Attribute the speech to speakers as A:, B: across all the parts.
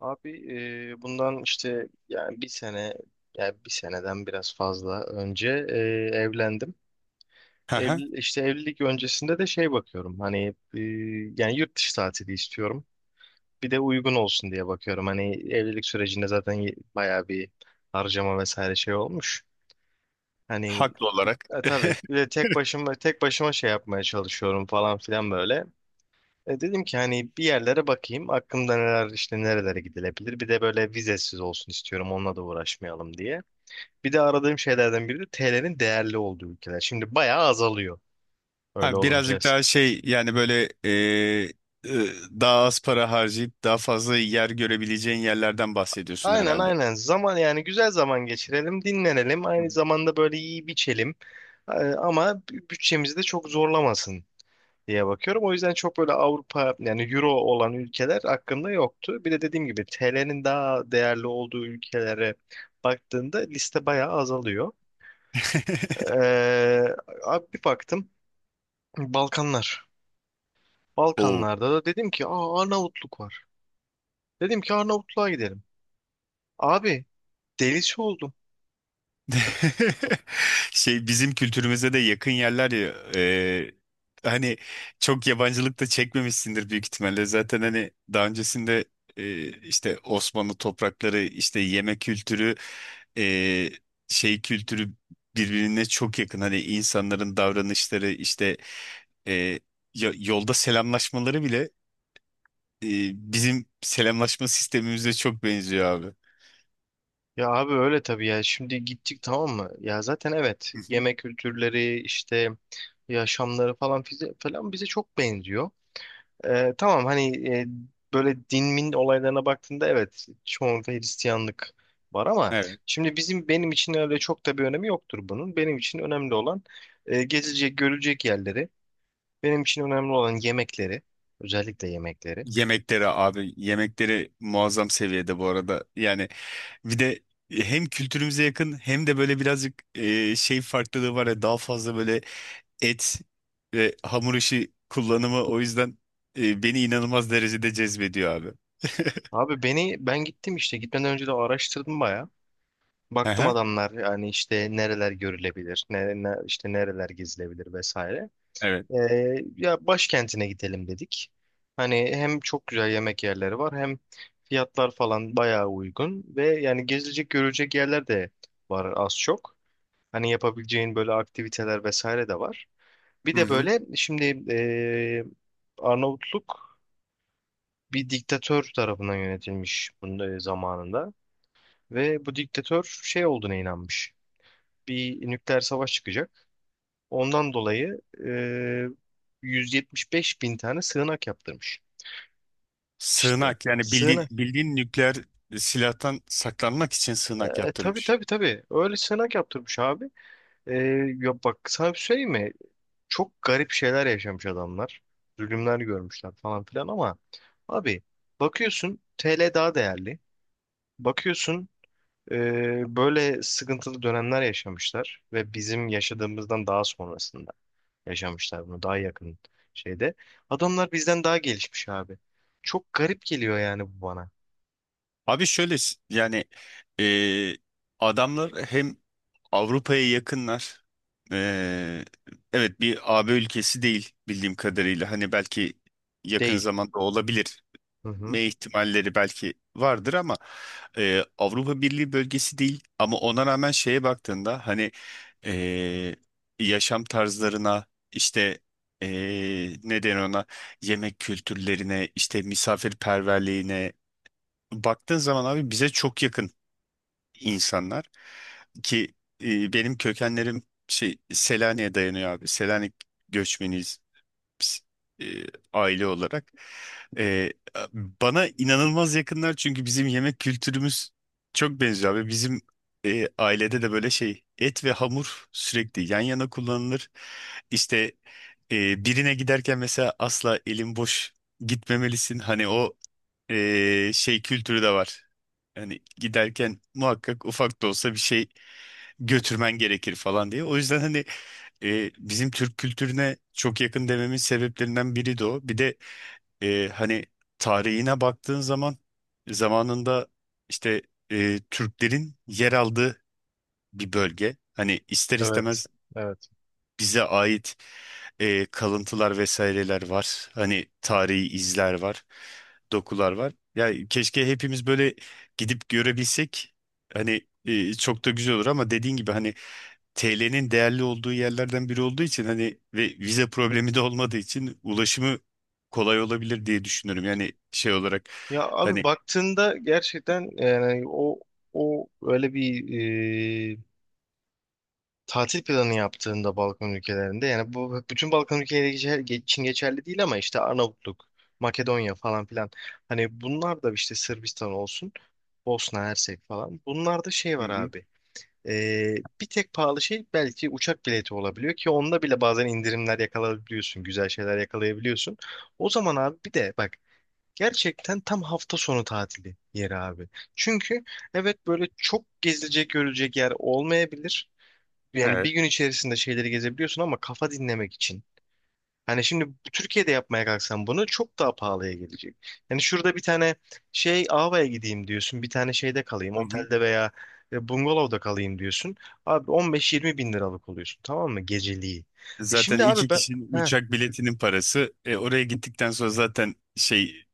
A: Abi, bundan işte yani bir seneden biraz fazla önce evlendim.
B: Hı hı.
A: Evli, işte evlilik öncesinde de şey bakıyorum hani yani yurt dışı tatili istiyorum. Bir de uygun olsun diye bakıyorum. Hani evlilik sürecinde zaten bayağı bir harcama vesaire şey olmuş. Hani
B: Haklı olarak.
A: tabii bir de tek başıma şey yapmaya çalışıyorum falan filan böyle. Dedim ki hani bir yerlere bakayım. Aklımda neler, işte nerelere gidilebilir. Bir de böyle vizesiz olsun istiyorum. Onunla da uğraşmayalım diye. Bir de aradığım şeylerden biri de TL'nin değerli olduğu ülkeler. Şimdi bayağı azalıyor
B: Ha,
A: öyle olunca.
B: birazcık daha şey yani böyle e, daha az para harcayıp daha fazla yer görebileceğin yerlerden bahsediyorsun
A: Aynen,
B: herhalde.
A: aynen. Zaman, yani güzel zaman geçirelim, dinlenelim.
B: Hı hı.
A: Aynı zamanda böyle iyi biçelim. Ama bütçemizi de çok zorlamasın diye bakıyorum. O yüzden çok böyle Avrupa, yani Euro olan ülkeler hakkında yoktu. Bir de dediğim gibi TL'nin daha değerli olduğu ülkelere baktığında liste bayağı azalıyor. Ee, abi bir baktım, Balkanlar.
B: Oo.
A: Balkanlarda da dedim ki, aa, Arnavutluk var. Dedim ki Arnavutluğa gidelim. Abi, delisi oldum.
B: Şey, bizim kültürümüze de yakın yerler ya, e, hani çok yabancılık da çekmemişsindir büyük ihtimalle. Zaten hani daha öncesinde, işte Osmanlı toprakları, işte yeme kültürü, e, şey kültürü birbirine çok yakın. Hani insanların davranışları, işte e, yolda selamlaşmaları bile, e, bizim selamlaşma sistemimize çok benziyor abi.
A: Ya abi, öyle tabii ya. Şimdi gittik, tamam mı? Ya zaten evet,
B: Hı
A: yemek kültürleri, işte yaşamları falan falan bize çok benziyor. Tamam hani böyle din min olaylarına baktığında evet, çoğunlukla Hristiyanlık var, ama
B: hı.
A: şimdi bizim, benim için öyle çok da bir önemi yoktur bunun. Benim için önemli olan gezilecek, görülecek yerleri. Benim için önemli olan yemekleri, özellikle yemekleri.
B: Yemekleri abi, yemekleri muazzam seviyede bu arada. Yani bir de hem kültürümüze yakın hem de böyle birazcık şey farklılığı var ya, daha fazla böyle et ve hamur işi kullanımı. O yüzden beni inanılmaz derecede cezbediyor abi.
A: Abi, ben gittim, işte gitmeden önce de araştırdım baya. Baktım
B: Aha,
A: adamlar, yani işte nereler görülebilir, işte nereler gezilebilir vesaire.
B: evet.
A: Ya başkentine gidelim dedik. Hani hem çok güzel yemek yerleri var, hem fiyatlar falan bayağı uygun ve yani gezilecek görecek yerler de var az çok. Hani yapabileceğin böyle aktiviteler vesaire de var. Bir
B: Hı
A: de
B: hı.
A: böyle şimdi ee, Arnavutluk bir diktatör tarafından yönetilmiş bunun zamanında ve bu diktatör şey olduğuna inanmış. Bir nükleer savaş çıkacak. Ondan dolayı 175 bin tane sığınak yaptırmış. İşte
B: Sığınak, yani bildiğin
A: sığınak.
B: bildiğin nükleer silahtan saklanmak için sığınak
A: Tabii
B: yaptırmış.
A: tabii tabii. Öyle sığınak yaptırmış abi. E, ya bak, sana bir söyleyeyim mi? Çok garip şeyler yaşamış adamlar. Zulümler görmüşler falan filan ama abi, bakıyorsun TL daha değerli. Bakıyorsun böyle sıkıntılı dönemler yaşamışlar ve bizim yaşadığımızdan daha sonrasında. Yaşamışlar bunu daha yakın şeyde. Adamlar bizden daha gelişmiş abi. Çok garip geliyor yani bu bana.
B: Abi şöyle, yani e, adamlar hem Avrupa'ya yakınlar. Ee, evet, bir AB ülkesi değil bildiğim kadarıyla. Hani belki yakın
A: Değil.
B: zamanda olabilir.
A: Hı hı.
B: Me ihtimalleri belki vardır ama Avrupa Birliği bölgesi değil. Ama ona rağmen şeye baktığında hani, e, yaşam tarzlarına, işte e, ne denir ona, yemek kültürlerine, işte misafirperverliğine baktığın zaman abi, bize çok yakın insanlar ki, benim kökenlerim şey Selanik'e dayanıyor abi. Selanik göçmeniyiz biz, e, aile olarak. E, Bana inanılmaz yakınlar, çünkü bizim yemek kültürümüz çok benziyor abi. Bizim ailede de böyle şey et ve hamur sürekli yan yana kullanılır. İşte birine giderken mesela asla elin boş gitmemelisin. Hani o şey kültürü de var. Hani giderken muhakkak ufak da olsa bir şey götürmen gerekir falan diye. O yüzden hani bizim Türk kültürüne çok yakın dememin sebeplerinden biri de o. Bir de hani tarihine baktığın zaman, zamanında işte Türklerin yer aldığı bir bölge. Hani ister
A: Evet.
B: istemez
A: Evet.
B: bize ait kalıntılar vesaireler var. Hani tarihi izler var, dokular var. Yani keşke hepimiz böyle gidip görebilsek. Hani çok da güzel olur ama dediğin gibi hani TL'nin değerli olduğu yerlerden biri olduğu için hani ve vize problemi de olmadığı için ulaşımı kolay olabilir diye düşünüyorum. Yani şey olarak
A: Ya abi,
B: hani.
A: baktığında gerçekten yani o öyle bir e, tatil planı yaptığında Balkan ülkelerinde, yani bu bütün Balkan ülkeleri için geçerli değil ama işte Arnavutluk, Makedonya falan filan, hani bunlar da işte Sırbistan olsun, Bosna Hersek falan, bunlarda şey
B: Hı
A: var
B: hı,
A: abi. Bir tek pahalı şey belki uçak bileti olabiliyor ki onda bile bazen indirimler yakalayabiliyorsun, güzel şeyler yakalayabiliyorsun. O zaman abi, bir de bak, gerçekten tam hafta sonu tatili yeri abi. Çünkü evet, böyle çok gezilecek görülecek yer olmayabilir. Yani bir
B: evet.
A: gün içerisinde şeyleri gezebiliyorsun ama kafa dinlemek için. Hani şimdi Türkiye'de yapmaya kalksan bunu çok daha pahalıya gelecek. Yani şurada bir tane şey, Ava'ya gideyim diyorsun. Bir tane şeyde kalayım.
B: Hı hı.
A: Otelde veya bungalovda kalayım diyorsun. Abi, 15-20 bin liralık oluyorsun. Tamam mı? Geceliği. E
B: Zaten
A: şimdi abi
B: iki
A: ben,
B: kişinin
A: heh,
B: uçak biletinin parası. Oraya gittikten sonra zaten şey.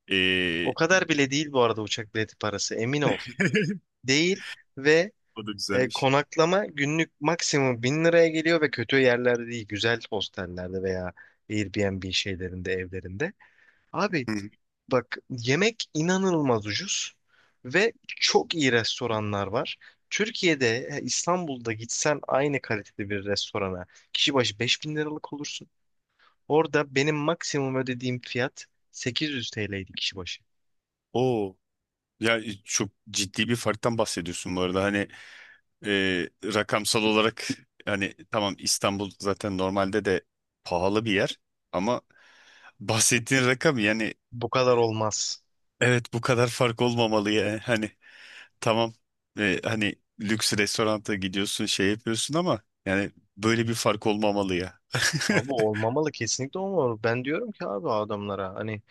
A: o kadar bile değil bu arada uçak bileti parası. Emin ol. Değil ve
B: O da güzelmiş.
A: konaklama günlük maksimum bin liraya geliyor ve kötü yerlerde değil. Güzel hostellerde veya Airbnb şeylerinde, evlerinde. Abi,
B: Hı hı.
A: bak, yemek inanılmaz ucuz ve çok iyi restoranlar var. Türkiye'de, İstanbul'da gitsen aynı kalitede bir restorana kişi başı 5 bin liralık olursun. Orada benim maksimum ödediğim fiyat 800 TL'ydi kişi başı.
B: Oo. Ya, çok ciddi bir farktan bahsediyorsun bu arada. Hani rakamsal olarak, hani tamam, İstanbul zaten normalde de pahalı bir yer ama bahsettiğin rakam yani,
A: Bu kadar olmaz.
B: evet bu kadar fark olmamalı ya. Hani tamam, hani lüks restoranta gidiyorsun, şey yapıyorsun ama yani böyle bir fark olmamalı ya.
A: Abi, olmamalı, kesinlikle olmamalı. Ben diyorum ki abi, adamlara hani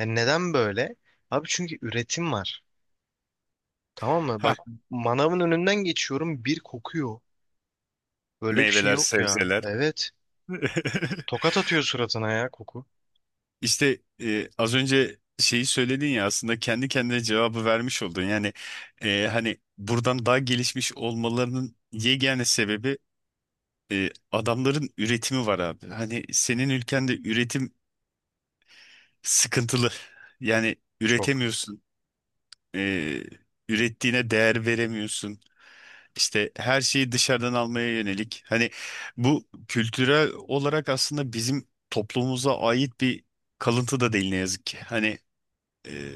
A: yani neden böyle? Abi, çünkü üretim var. Tamam mı?
B: Hah.
A: Bak, manavın önünden geçiyorum bir kokuyor. Böyle bir şey
B: Meyveler,
A: yok ya.
B: sebzeler.
A: Evet. Tokat atıyor suratına ya koku.
B: İşte, az önce şeyi söyledin ya, aslında kendi kendine cevabı vermiş oldun. Yani hani buradan daha gelişmiş olmalarının yegane sebebi, adamların üretimi var abi. Hani senin ülkende üretim sıkıntılı. Yani
A: Çok.
B: üretemiyorsun. E, Ürettiğine değer veremiyorsun. İşte her şeyi dışarıdan almaya yönelik. Hani bu kültürel olarak aslında bizim toplumumuza ait bir kalıntı da değil, ne yazık ki. Hani, e,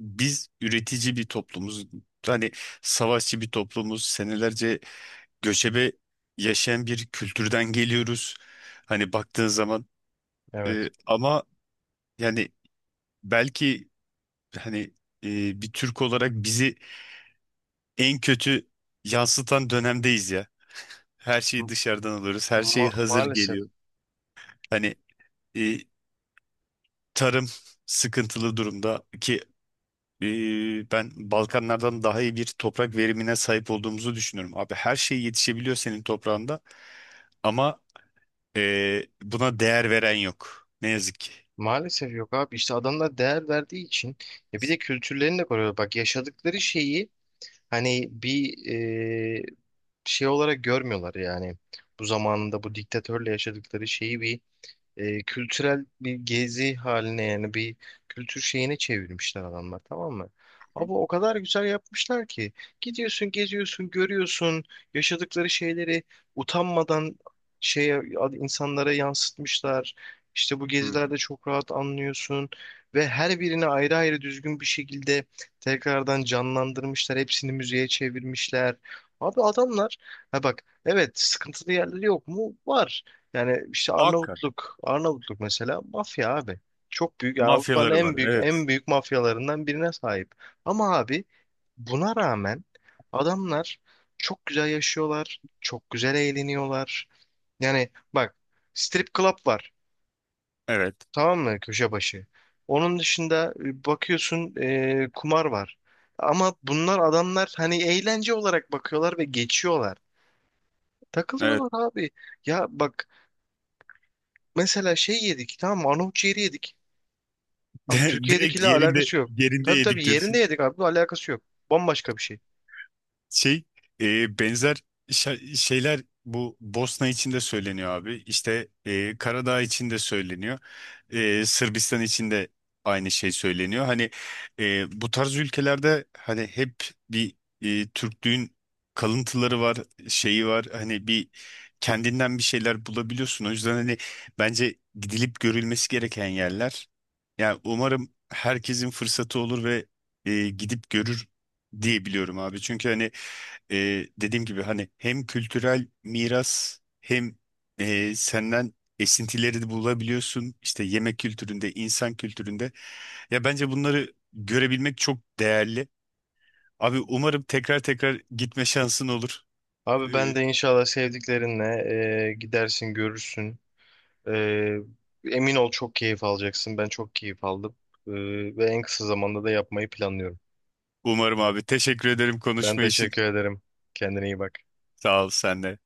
B: biz üretici bir toplumuz. Hani savaşçı bir toplumuz. Senelerce göçebe yaşayan bir kültürden geliyoruz. Hani baktığın zaman,
A: Evet.
B: ama yani belki hani bir Türk olarak bizi en kötü yansıtan dönemdeyiz ya. Her şeyi dışarıdan alıyoruz. Her şey
A: Ma-
B: hazır
A: maalesef.
B: geliyor. Hani e, tarım sıkıntılı durumda ki, ben Balkanlardan daha iyi bir toprak verimine sahip olduğumuzu düşünüyorum. Abi her şey yetişebiliyor senin toprağında ama buna değer veren yok, ne yazık ki.
A: Maalesef yok abi. İşte adamlar değer verdiği için, ya bir de kültürlerini de koruyorlar. Bak, yaşadıkları şeyi hani bir e, şey olarak görmüyorlar yani. Bu zamanında bu diktatörle yaşadıkları şeyi bir kültürel bir gezi haline, yani bir kültür şeyine çevirmişler adamlar, tamam mı?
B: Hı
A: Ama o kadar güzel yapmışlar ki gidiyorsun, geziyorsun, görüyorsun yaşadıkları şeyleri utanmadan şeye, insanlara yansıtmışlar. İşte bu
B: hı.
A: gezilerde çok rahat anlıyorsun ve her birini ayrı ayrı düzgün bir şekilde tekrardan canlandırmışlar. Hepsini müziğe çevirmişler. Abi adamlar, ha bak, evet sıkıntılı yerleri yok mu? Var. Yani işte
B: Muhakkak.
A: Arnavutluk, Arnavutluk mesela, mafya abi. Çok büyük, yani Avrupa'nın
B: Mafyaları
A: en
B: var.
A: büyük
B: Evet.
A: en büyük mafyalarından birine sahip. Ama abi, buna rağmen adamlar çok güzel yaşıyorlar, çok güzel eğleniyorlar. Yani bak, strip club var.
B: Evet.
A: Tamam mı, köşe başı? Onun dışında bakıyorsun kumar var. Ama bunlar, adamlar hani eğlence olarak bakıyorlar ve geçiyorlar.
B: Evet.
A: Takılıyorlar abi. Ya bak, mesela şey yedik, tamam mı? Arnavut ciğeri yedik. Abi,
B: Direkt
A: Türkiye'dekiyle
B: yerinde
A: alakası yok.
B: yerinde
A: Tabii tabii,
B: yedik.
A: yerinde yedik abi. Alakası yok. Bambaşka bir şey.
B: Şey, benzer şeyler bu Bosna için de söyleniyor abi. İşte, Karadağ için de söyleniyor. Sırbistan için de aynı şey söyleniyor. Hani bu tarz ülkelerde hani hep bir, Türklüğün kalıntıları var, şeyi var. Hani bir kendinden bir şeyler bulabiliyorsun. O yüzden hani bence gidilip görülmesi gereken yerler. Yani umarım herkesin fırsatı olur ve gidip görür diye biliyorum abi. Çünkü hani dediğim gibi hani hem kültürel miras hem senden esintileri de bulabiliyorsun. İşte yemek kültüründe, insan kültüründe. Ya, bence bunları görebilmek çok değerli. Abi, umarım tekrar tekrar gitme şansın olur.
A: Abi,
B: E,
A: ben de inşallah sevdiklerinle gidersin, görürsün. E, emin ol, çok keyif alacaksın. Ben çok keyif aldım. E, ve en kısa zamanda da yapmayı planlıyorum.
B: Umarım abi. Teşekkür ederim
A: Ben
B: konuşma için.
A: teşekkür ederim. Kendine iyi bak.
B: Sağ ol, sen de.